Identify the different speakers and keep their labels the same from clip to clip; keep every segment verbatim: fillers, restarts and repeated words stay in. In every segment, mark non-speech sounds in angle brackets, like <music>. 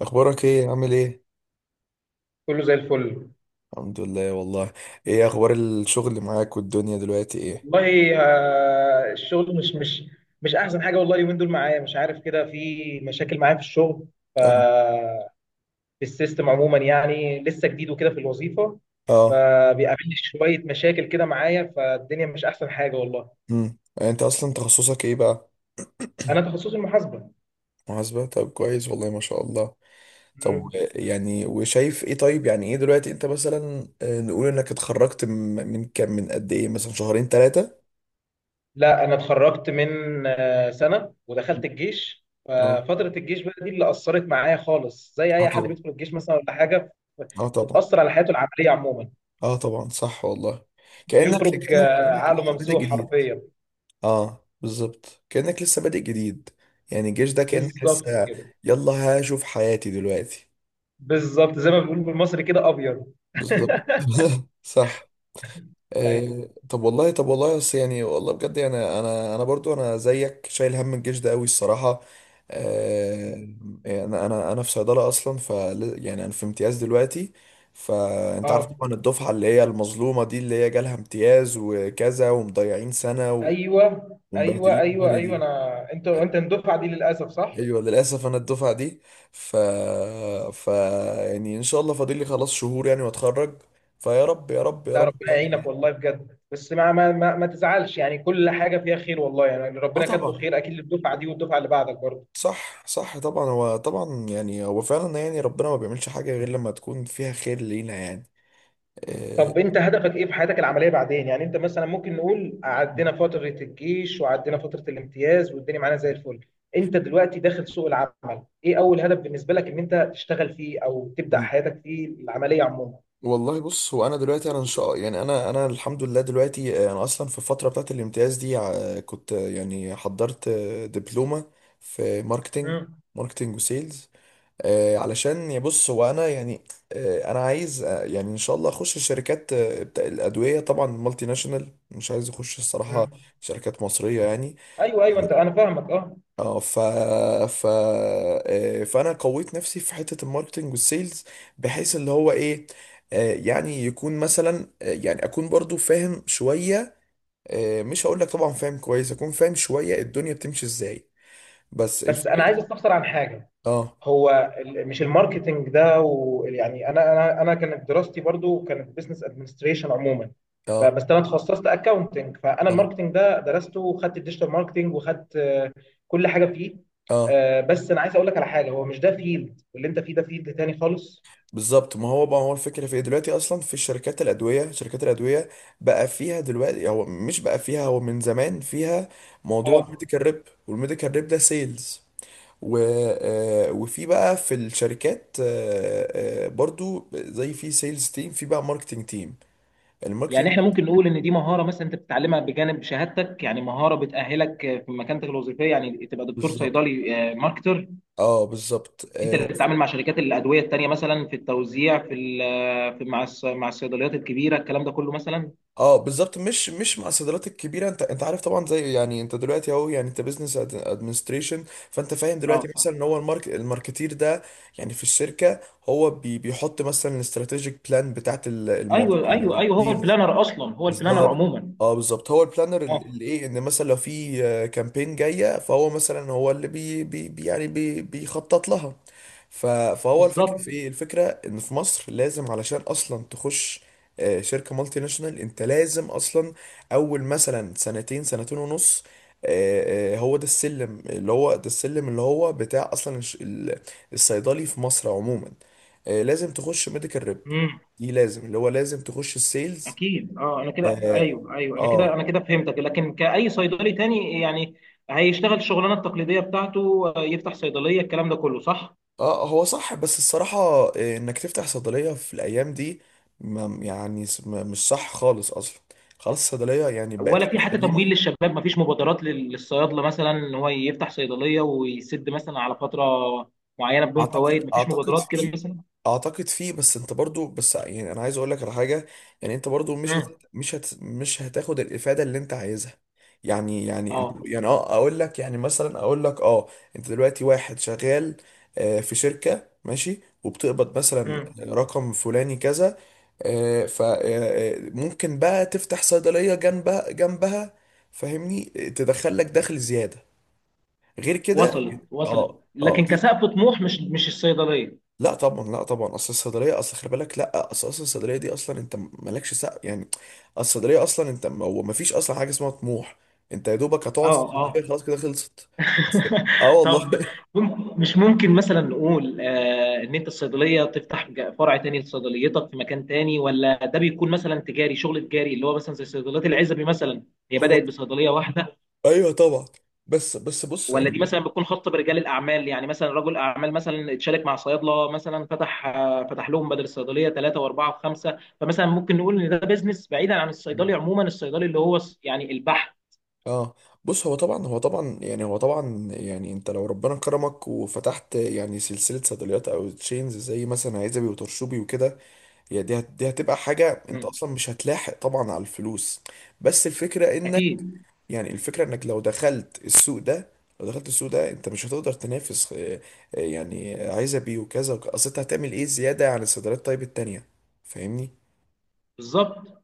Speaker 1: اخبارك ايه؟ عامل ايه؟
Speaker 2: كله زي الفل.
Speaker 1: الحمد لله والله. ايه اخبار الشغل اللي معاك والدنيا دلوقتي ايه؟
Speaker 2: والله، آه، الشغل مش مش مش احسن حاجه، والله اليومين دول معايا مش عارف كده، في مشاكل معايا في الشغل، ف
Speaker 1: تمام.
Speaker 2: في السيستم عموما، يعني لسه جديد وكده في الوظيفه،
Speaker 1: اه.
Speaker 2: فبيقابلني شويه مشاكل كده معايا، فالدنيا مش احسن حاجه والله.
Speaker 1: امم انت اصلا تخصصك ايه بقى؟
Speaker 2: انا تخصصي المحاسبه.
Speaker 1: محاسبة، طب كويس والله ما شاء الله. طب و-
Speaker 2: مم.
Speaker 1: يعني وشايف ايه، طيب يعني ايه دلوقتي انت مثلا آه، نقول انك اتخرجت من من كام، من قد ايه، مثلا شهرين ثلاثة.
Speaker 2: لا، انا اتخرجت من آه، سنه، ودخلت الجيش،
Speaker 1: اه،
Speaker 2: ففتره الجيش بقى دي اللي اثرت معايا خالص، زي
Speaker 1: اه
Speaker 2: اي حد
Speaker 1: طبعا،
Speaker 2: بيدخل الجيش مثلا ولا حاجه،
Speaker 1: اه طبعا،
Speaker 2: بتاثر على حياته العمليه عموما.
Speaker 1: اه طبعا، صح والله. كأنك
Speaker 2: بيخرج
Speaker 1: كأنك
Speaker 2: آه،
Speaker 1: كأنك
Speaker 2: عقله
Speaker 1: لسه بادئ
Speaker 2: ممسوح
Speaker 1: جديد.
Speaker 2: حرفيا.
Speaker 1: اه بالظبط، كأنك لسه بادئ جديد. يعني الجيش ده كأنك
Speaker 2: بالظبط
Speaker 1: لسه.
Speaker 2: كده.
Speaker 1: يلا هشوف حياتي دلوقتي.
Speaker 2: بالظبط زي ما بنقول بالمصري كده، ابيض.
Speaker 1: بالظبط
Speaker 2: <laughs>
Speaker 1: <laughs> صح.
Speaker 2: ايوه،
Speaker 1: آه طب والله طب والله بس يعني والله بجد يعني انا انا برضو انا زيك شايل هم الجيش ده قوي، الصراحة. آه. يعني انا انا انا في صيدلة اصلا ف يعني انا في امتياز دلوقتي. فانت عارف
Speaker 2: اه،
Speaker 1: طبعا الدفعة اللي هي المظلومة دي، اللي هي جالها امتياز وكذا، ومضيعين سنة و-
Speaker 2: ايوه ايوه
Speaker 1: ومبهدلين
Speaker 2: ايوه
Speaker 1: الدنيا
Speaker 2: ايوه،
Speaker 1: دي.
Speaker 2: انا انت انت الدفعه دي للاسف، صح؟
Speaker 1: ايوه للاسف انا الدفعه دي. ف ف يعني ان شاء الله فاضل لي خلاص شهور يعني واتخرج. فيا رب يا رب يا
Speaker 2: ده
Speaker 1: رب
Speaker 2: ربنا يعينك
Speaker 1: يعني.
Speaker 2: والله بجد، بس ما ما ما, ما تزعلش، يعني كل حاجه فيها خير والله، يعني
Speaker 1: اه
Speaker 2: ربنا كاتبه
Speaker 1: طبعا.
Speaker 2: خير اكيد للدفعه دي والدفعه اللي بعدك برضه.
Speaker 1: صح، صح طبعا، هو طبعا يعني هو فعلا، يعني ربنا ما بيعملش حاجه غير لما تكون فيها خير لينا يعني. آه،
Speaker 2: طب انت هدفك ايه في حياتك العمليه بعدين؟ يعني انت مثلا، ممكن نقول عدينا فتره الجيش وعدينا فتره الامتياز والدنيا معانا زي الفل، انت دلوقتي داخل سوق العمل، ايه اول هدف بالنسبه لك ان انت تشتغل فيه او تبدا
Speaker 1: مم.
Speaker 2: حياتك فيه العمليه عموما؟
Speaker 1: والله بص، هو انا دلوقتي انا ان شاء يعني انا انا الحمد لله دلوقتي، آه، انا اصلا في الفتره بتاعت الامتياز دي، آه، كنت آه، يعني حضرت آه، دبلومه في ماركتنج.
Speaker 2: امم.
Speaker 1: ماركتنج وسيلز. آه، علشان يا بص هو انا يعني. آه، انا عايز آه، يعني ان شاء الله اخش الشركات آه، بتاع الادويه طبعا، مالتي ناشونال، مش عايز اخش الصراحه.
Speaker 2: امم.
Speaker 1: شركات مصريه يعني.
Speaker 2: ايوه ايوه، انت انا فاهمك، اه.
Speaker 1: اه. ف ف آه، فانا قويت نفسي في حته الماركتنج والسيلز، بحيث اللي هو ايه. آه، يعني يكون مثلا آه، يعني اكون برضو فاهم شويه، آه، مش هقول لك طبعا فاهم كويس، اكون فاهم شويه الدنيا بتمشي ازاي. بس
Speaker 2: بس انا عايز
Speaker 1: الفكره.
Speaker 2: استفسر عن حاجه.
Speaker 1: اه،
Speaker 2: هو ال- مش الماركتنج ده و- يعني انا انا انا كانت دراستي برضو كانت بزنس ادمنستريشن عموما،
Speaker 1: اه،
Speaker 2: فبس انا اتخصصت اكاونتنج، فانا
Speaker 1: اه،
Speaker 2: الماركتنج ده درسته وخدت الديجيتال ماركتنج وخدت آه، كل حاجه فيه،
Speaker 1: اه.
Speaker 2: آه، بس انا عايز اقول لك على حاجه، هو مش ده فيلد اللي انت فيه، ده فيلد تاني خالص.
Speaker 1: بالظبط، ما هو بقى هو الفكرة في ايه دلوقتي اصلا في الشركات الادوية؟ شركات الادوية بقى فيها دلوقتي، هو مش بقى فيها، هو من زمان فيها موضوع
Speaker 2: اه،
Speaker 1: الميديكال ريب. والميديكال ريب ده سيلز. و... آه، وفي بقى في الشركات آه، آه، برضو، زي في سيلز تيم، في بقى ماركتنج تيم.
Speaker 2: يعني
Speaker 1: الماركتنج.
Speaker 2: احنا ممكن نقول ان دي مهاره، مثلا انت بتتعلمها بجانب شهادتك، يعني مهاره بتاهلك في مكانتك الوظيفيه، يعني تبقى دكتور
Speaker 1: بالظبط.
Speaker 2: صيدلي ماركتر.
Speaker 1: اه بالظبط
Speaker 2: انت
Speaker 1: آه،
Speaker 2: اللي بتتعامل مع شركات الادويه التانيه، مثلا في التوزيع، في ال- في مع الص- مع الصيدليات الكبيره، الكلام ده كله مثلا.
Speaker 1: اه بالظبط، مش مش مع الصيدليات الكبيره، انت انت عارف طبعا، زي يعني انت دلوقتي اهو، يعني انت بزنس ادمنستريشن. فانت فاهم
Speaker 2: اه،
Speaker 1: دلوقتي مثلا ان هو المارك الماركتير ده يعني في الشركه، هو بي بيحط مثلا الاستراتيجيك بلان بتاعت
Speaker 2: ايوه ايوه ايوه، هو
Speaker 1: الموظفين.
Speaker 2: البلانر اصلا، هو البلانر
Speaker 1: بالظبط.
Speaker 2: عموما.
Speaker 1: اه بالظبط، هو البلانر
Speaker 2: اه،
Speaker 1: اللي ايه ان مثلا لو في آه، كامبين جايه، فهو مثلا هو اللي بي بي بي- يعني بي بيخطط لها. ف- فهو الفكره
Speaker 2: بالظبط.
Speaker 1: في ايه، الفكره ان في مصر لازم علشان اصلا تخش آه، شركه مالتي ناشونال، انت لازم اصلا اول مثلا سنتين، سنتين ونص. آه، آه، هو ده السلم اللي هو ده السلم اللي هو بتاع اصلا الش- ال- الصيدلي في مصر عموما. آه، لازم تخش ميديكال ريب
Speaker 2: امم.
Speaker 1: دي، لازم اللي هو لازم تخش السيلز.
Speaker 2: اكيد، اه، انا كده،
Speaker 1: اه.
Speaker 2: ايوه ايوه، انا
Speaker 1: اه.
Speaker 2: كده انا كده فهمتك. لكن كاي صيدلي تاني، يعني هيشتغل الشغلانه التقليديه بتاعته، آه، يفتح صيدليه، الكلام ده كله صح.
Speaker 1: آه، هو صح بس الصراحة، آه، انك تفتح صيدلية في الايام دي ما- يعني س- ما- مش صح خالص اصلا. خلاص، الصيدلية يعني بقت
Speaker 2: ولا في
Speaker 1: حاجة
Speaker 2: حتى تمويل
Speaker 1: قديمة.
Speaker 2: للشباب؟ ما فيش مبادرات لل- للصيادله مثلا ان هو يفتح صيدليه ويسد مثلا على فتره معينه بدون
Speaker 1: اعتقد
Speaker 2: فوائد؟ ما فيش
Speaker 1: اعتقد
Speaker 2: مبادرات كده
Speaker 1: فيه.
Speaker 2: مثلا؟
Speaker 1: اعتقد فيه، بس انت برضو، بس يعني انا عايز اقول لك على حاجه. يعني انت برضو مش هت
Speaker 2: امم.
Speaker 1: مش هت مش هتاخد الافاده اللي انت عايزها. يعني يعني انت
Speaker 2: اه.
Speaker 1: يعني، اه، اقول لك يعني مثلا، اقول لك، اه. انت دلوقتي واحد شغال آه، في شركه ماشي، وبتقبض مثلا
Speaker 2: امم.
Speaker 1: رقم فلاني كذا، فممكن بقى تفتح صيدليه جنبها جنبها، فاهمني؟ تدخل لك دخل زياده، غير كده.
Speaker 2: وصلت وصلت.
Speaker 1: اه، اه.
Speaker 2: لكن كسقف طموح، مش مش الصيدليه.
Speaker 1: لا طبعا، لا طبعا، اصل الصيدليه، اصل خلي بالك، لا، اصل اصل الصيدليه دي اصلا انت مالكش سقف يعني. الصيدليه اصلا، انت ما هو مفيش اصلا حاجه اسمها طموح. انت يا دوبك هتقعد
Speaker 2: اه
Speaker 1: في الصيدليه،
Speaker 2: اه.
Speaker 1: خلاص كده، خلصت. بس. اه
Speaker 2: <laughs>
Speaker 1: والله.
Speaker 2: طب، مم- مش ممكن مثلا نقول آه ان انت الصيدليه تفتح ج- فرع تاني لصيدليتك في مكان تاني؟ ولا ده بيكون مثلا تجاري، شغل تجاري، اللي هو مثلا زي صيدليات العزبي مثلا، هي
Speaker 1: <laughs> هو.
Speaker 2: بدات بصيدليه واحده؟
Speaker 1: ايوه طبعا. بس بس بص
Speaker 2: ولا دي
Speaker 1: يعني.
Speaker 2: مثلا بتكون خاصه برجال الاعمال، يعني مثلا رجل اعمال مثلا اتشارك مع صيادله مثلا، فتح آه، فتح لهم بدل الصيدليه ثلاثه واربعه وخمسه، فمثلا ممكن نقول ان ده بيزنس بعيدا عن الصيدلي عموما، الصيدلي اللي هو الص- يعني البحث؟
Speaker 1: اه بص، هو طبعا، هو طبعا يعني هو طبعا يعني انت لو ربنا كرمك وفتحت يعني سلسله صيدليات، او تشينز، زي مثلا عزبي وطرشوبي وكده، هي دي، هت- دي هتبقى حاجه انت
Speaker 2: مم.
Speaker 1: اصلا مش هتلاحق طبعا على الفلوس. بس الفكره انك،
Speaker 2: اكيد.
Speaker 1: يعني الفكرة انك لو دخلت السوق ده، لو دخلت السوق ده انت مش هتقدر تنافس آه، آه، يعني عايزة بيه وكذا وك- اصل انت هتعمل ايه زيادة عن الصيدليات طيب التانية، فاهمني؟
Speaker 2: بالظبط.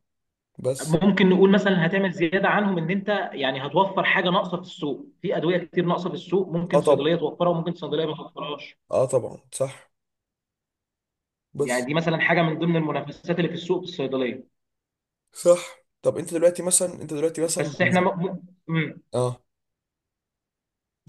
Speaker 1: بس.
Speaker 2: ممكن نقول مثلا هتعمل زياده عنهم، ان انت يعني هتوفر حاجه ناقصه في السوق، في ادويه كتير ناقصه في السوق
Speaker 1: اه
Speaker 2: ممكن
Speaker 1: طبعا،
Speaker 2: صيدليه توفرها وممكن صيدليه ما توفرهاش،
Speaker 1: اه طبعا، صح،
Speaker 2: يعني
Speaker 1: بس،
Speaker 2: دي مثلا حاجه من ضمن المنافسات اللي في السوق في الصيدليه.
Speaker 1: صح. طب انت دلوقتي مثلا انت دلوقتي مثلا
Speaker 2: بس احنا
Speaker 1: بالنسبة.
Speaker 2: م... م...
Speaker 1: اه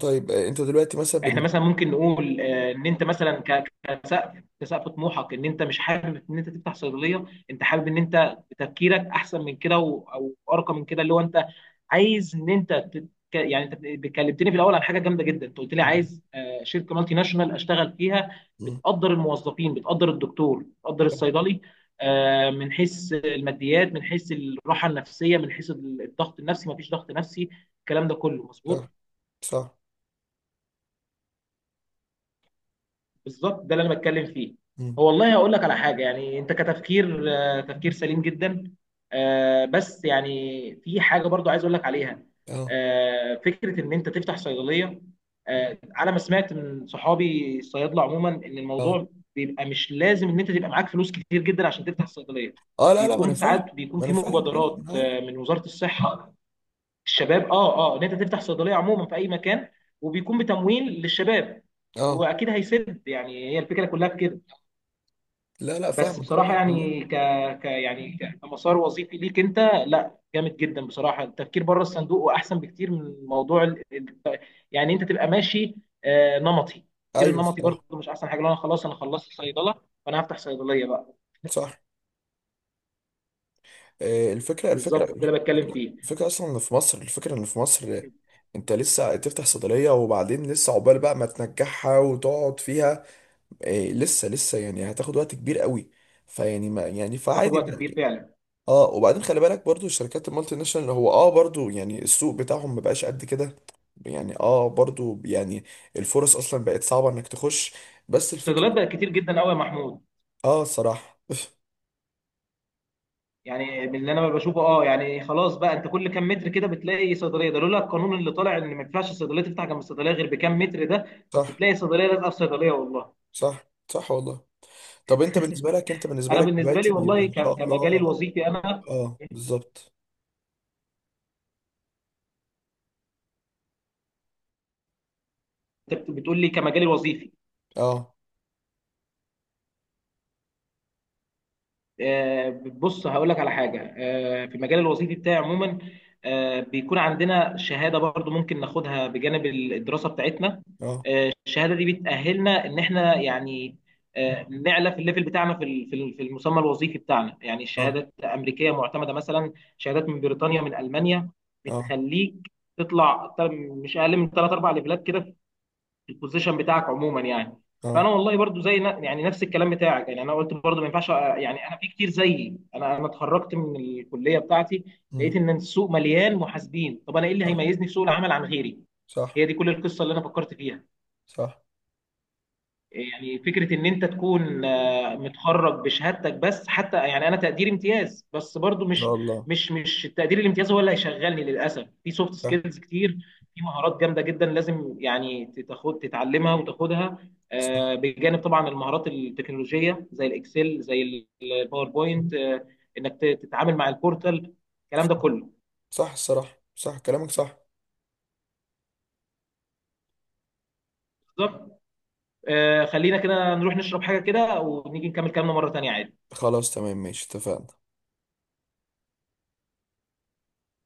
Speaker 1: طيب، آه، انت دلوقتي مثلا <laughs>
Speaker 2: احنا
Speaker 1: بالنسبة.
Speaker 2: مثلا ممكن نقول آه، ان انت مثلا، ك- كسقف كسقف طموحك، ان انت مش حابب ان انت تفتح صيدليه، انت حابب ان انت تفكيرك احسن من كده و- او ارقى من كده، اللي هو انت عايز ان انت تت- ك- يعني. انت كلمتني في الاول عن حاجه جامده جدا، انت قلت لي
Speaker 1: مم.
Speaker 2: عايز آه، شركه مالتي ناشونال اشتغل فيها،
Speaker 1: مم.
Speaker 2: بتقدر الموظفين، بتقدر الدكتور، بتقدر الصيدلي، آه، من حيث الماديات، من حيث الراحه النفسيه، من حيث الضغط النفسي مفيش ضغط نفسي، الكلام ده كله مظبوط.
Speaker 1: صح صح.
Speaker 2: بالظبط ده اللي انا بتكلم فيه.
Speaker 1: مم.
Speaker 2: هو والله هقول لك على حاجه، يعني انت كتفكير، آه، تفكير سليم جدا، آه، بس يعني في حاجه برضو عايز اقول لك عليها،
Speaker 1: اه،
Speaker 2: آه، فكره ان انت تفتح صيدليه، آه، على ما سمعت من صحابي الصيادله عموما، ان
Speaker 1: اه،
Speaker 2: الموضوع بيبقى مش لازم ان انت تبقى معاك فلوس كتير جدا عشان تفتح صيدليه،
Speaker 1: اه. لا لا، ما انا
Speaker 2: بيكون
Speaker 1: فاهم.
Speaker 2: ساعات بيكون
Speaker 1: ما انا
Speaker 2: في
Speaker 1: فاهم، لا لا، ما
Speaker 2: مبادرات
Speaker 1: انا عارف.
Speaker 2: آه، من وزاره الصحه، الشباب، اه اه، ان انت تفتح صيدليه عموما في اي مكان وبيكون بتمويل للشباب، هو
Speaker 1: اه،
Speaker 2: اكيد هيسد، يعني هي الفكره كلها في كده.
Speaker 1: لا لا،
Speaker 2: بس
Speaker 1: فاهمك
Speaker 2: بصراحه
Speaker 1: فاهمك والله.
Speaker 2: يعني، ك, ك يعني ك- كمسار وظيفي ليك انت، لا جامد جدا بصراحه، التفكير بره الصندوق واحسن بكتير من موضوع ال... ال- يعني انت تبقى ماشي آه نمطي، التفكير
Speaker 1: ايوه
Speaker 2: النمطي برضه
Speaker 1: الصراحة.
Speaker 2: مش احسن حاجه، لو انا خلاص انا خلصت صيدله فانا هفتح صيدليه بقى.
Speaker 1: صح. آه، الفكرة الفكرة
Speaker 2: بالظبط ده اللي بتكلم
Speaker 1: الفكرة
Speaker 2: فيه.
Speaker 1: الفكرة أصلا إن في مصر الفكرة إن في مصر، آه، أنت لسه تفتح صيدلية، وبعدين لسه عقبال بقى ما تنجحها وتقعد فيها، آه، لسه لسه يعني هتاخد وقت كبير قوي، فيعني ما يعني
Speaker 2: تاخد
Speaker 1: فعادي
Speaker 2: وقت كبير
Speaker 1: إن-
Speaker 2: فعلا.
Speaker 1: اه وبعدين خلي بالك برضو الشركات المالتي ناشونال، هو اه برضو يعني السوق بتاعهم ما بقاش قد كده، يعني اه برضو يعني الفرص اصلا بقت صعبة انك تخش. بس
Speaker 2: الصيدليات
Speaker 1: الفكرة.
Speaker 2: بقت كتير جدا قوي يا محمود،
Speaker 1: اه صراحة.
Speaker 2: يعني من اللي انا بشوفه، اه، يعني خلاص بقى، انت كل كام متر كده بتلاقي صيدليه، ده لولا القانون اللي طالع ان ما ينفعش الصيدليه تفتح جنب الصيدليه غير بكام متر، ده
Speaker 1: <laughs>
Speaker 2: كنت
Speaker 1: صح.
Speaker 2: تلاقي صيدليه لازقه في صيدليه والله.
Speaker 1: صح صح والله. طب انت بالنسبه لك انت بالنسبه
Speaker 2: انا
Speaker 1: لك
Speaker 2: بالنسبه لي
Speaker 1: دلوقتي، ده
Speaker 2: والله،
Speaker 1: ان شاء
Speaker 2: ك- كمجالي
Speaker 1: الله.
Speaker 2: الوظيفي، انا،
Speaker 1: اه بالظبط.
Speaker 2: انت بت- بتقول لي كمجالي الوظيفي،
Speaker 1: اه،
Speaker 2: آه، بص هقول لك على حاجه، آه، في المجال الوظيفي بتاعي عموما، آه، بيكون عندنا شهاده برضو ممكن ناخدها بجانب الدراسه بتاعتنا،
Speaker 1: اه،
Speaker 2: آه، الشهاده دي بتاهلنا ان احنا يعني، آه، نعلى في الليفل بتاعنا، في ال- في ال- في المسمى الوظيفي بتاعنا، يعني
Speaker 1: اه،
Speaker 2: شهادات امريكيه معتمده مثلا، شهادات من بريطانيا، من المانيا،
Speaker 1: اه،
Speaker 2: بتخليك تطلع تل- مش اقل من ثلاث اربع ليفلات كده البوزيشن بتاعك عموما، يعني.
Speaker 1: اه.
Speaker 2: فانا والله برضو زي نا- يعني نفس الكلام بتاعك، يعني انا قلت برضو ما ينفعش أ- يعني، انا في كتير زيي، انا انا اتخرجت من الكليه بتاعتي
Speaker 1: مم.
Speaker 2: لقيت ان السوق مليان محاسبين، طب انا ايه اللي
Speaker 1: صح
Speaker 2: هيميزني في سوق العمل عن غيري؟
Speaker 1: صح
Speaker 2: هي دي كل القصه اللي انا فكرت فيها،
Speaker 1: صح.
Speaker 2: يعني فكرة إن أنت تكون آه، متخرج بشهادتك بس، حتى يعني أنا تقدير امتياز بس برضو،
Speaker 1: ان
Speaker 2: مش
Speaker 1: شاء الله.
Speaker 2: مش مش التقدير الامتياز هو اللي هيشغلني، للأسف في سوفت
Speaker 1: صح
Speaker 2: سكيلز كتير، في مهارات جامدة جدا لازم يعني تاخد تتعلمها وتاخدها،
Speaker 1: صح
Speaker 2: آه، بجانب طبعا المهارات التكنولوجية زي الإكسل زي الباوربوينت، آه، إنك ت- تتعامل مع البورتال، الكلام ده كله.
Speaker 1: صح، الصراحه، صح كلامك صح.
Speaker 2: بالظبط. آه، خلينا كده نروح نشرب حاجة كده ونيجي نكمل كلامنا مرة تانية عادي.
Speaker 1: خلاص تمام، ماشي، اتفقنا.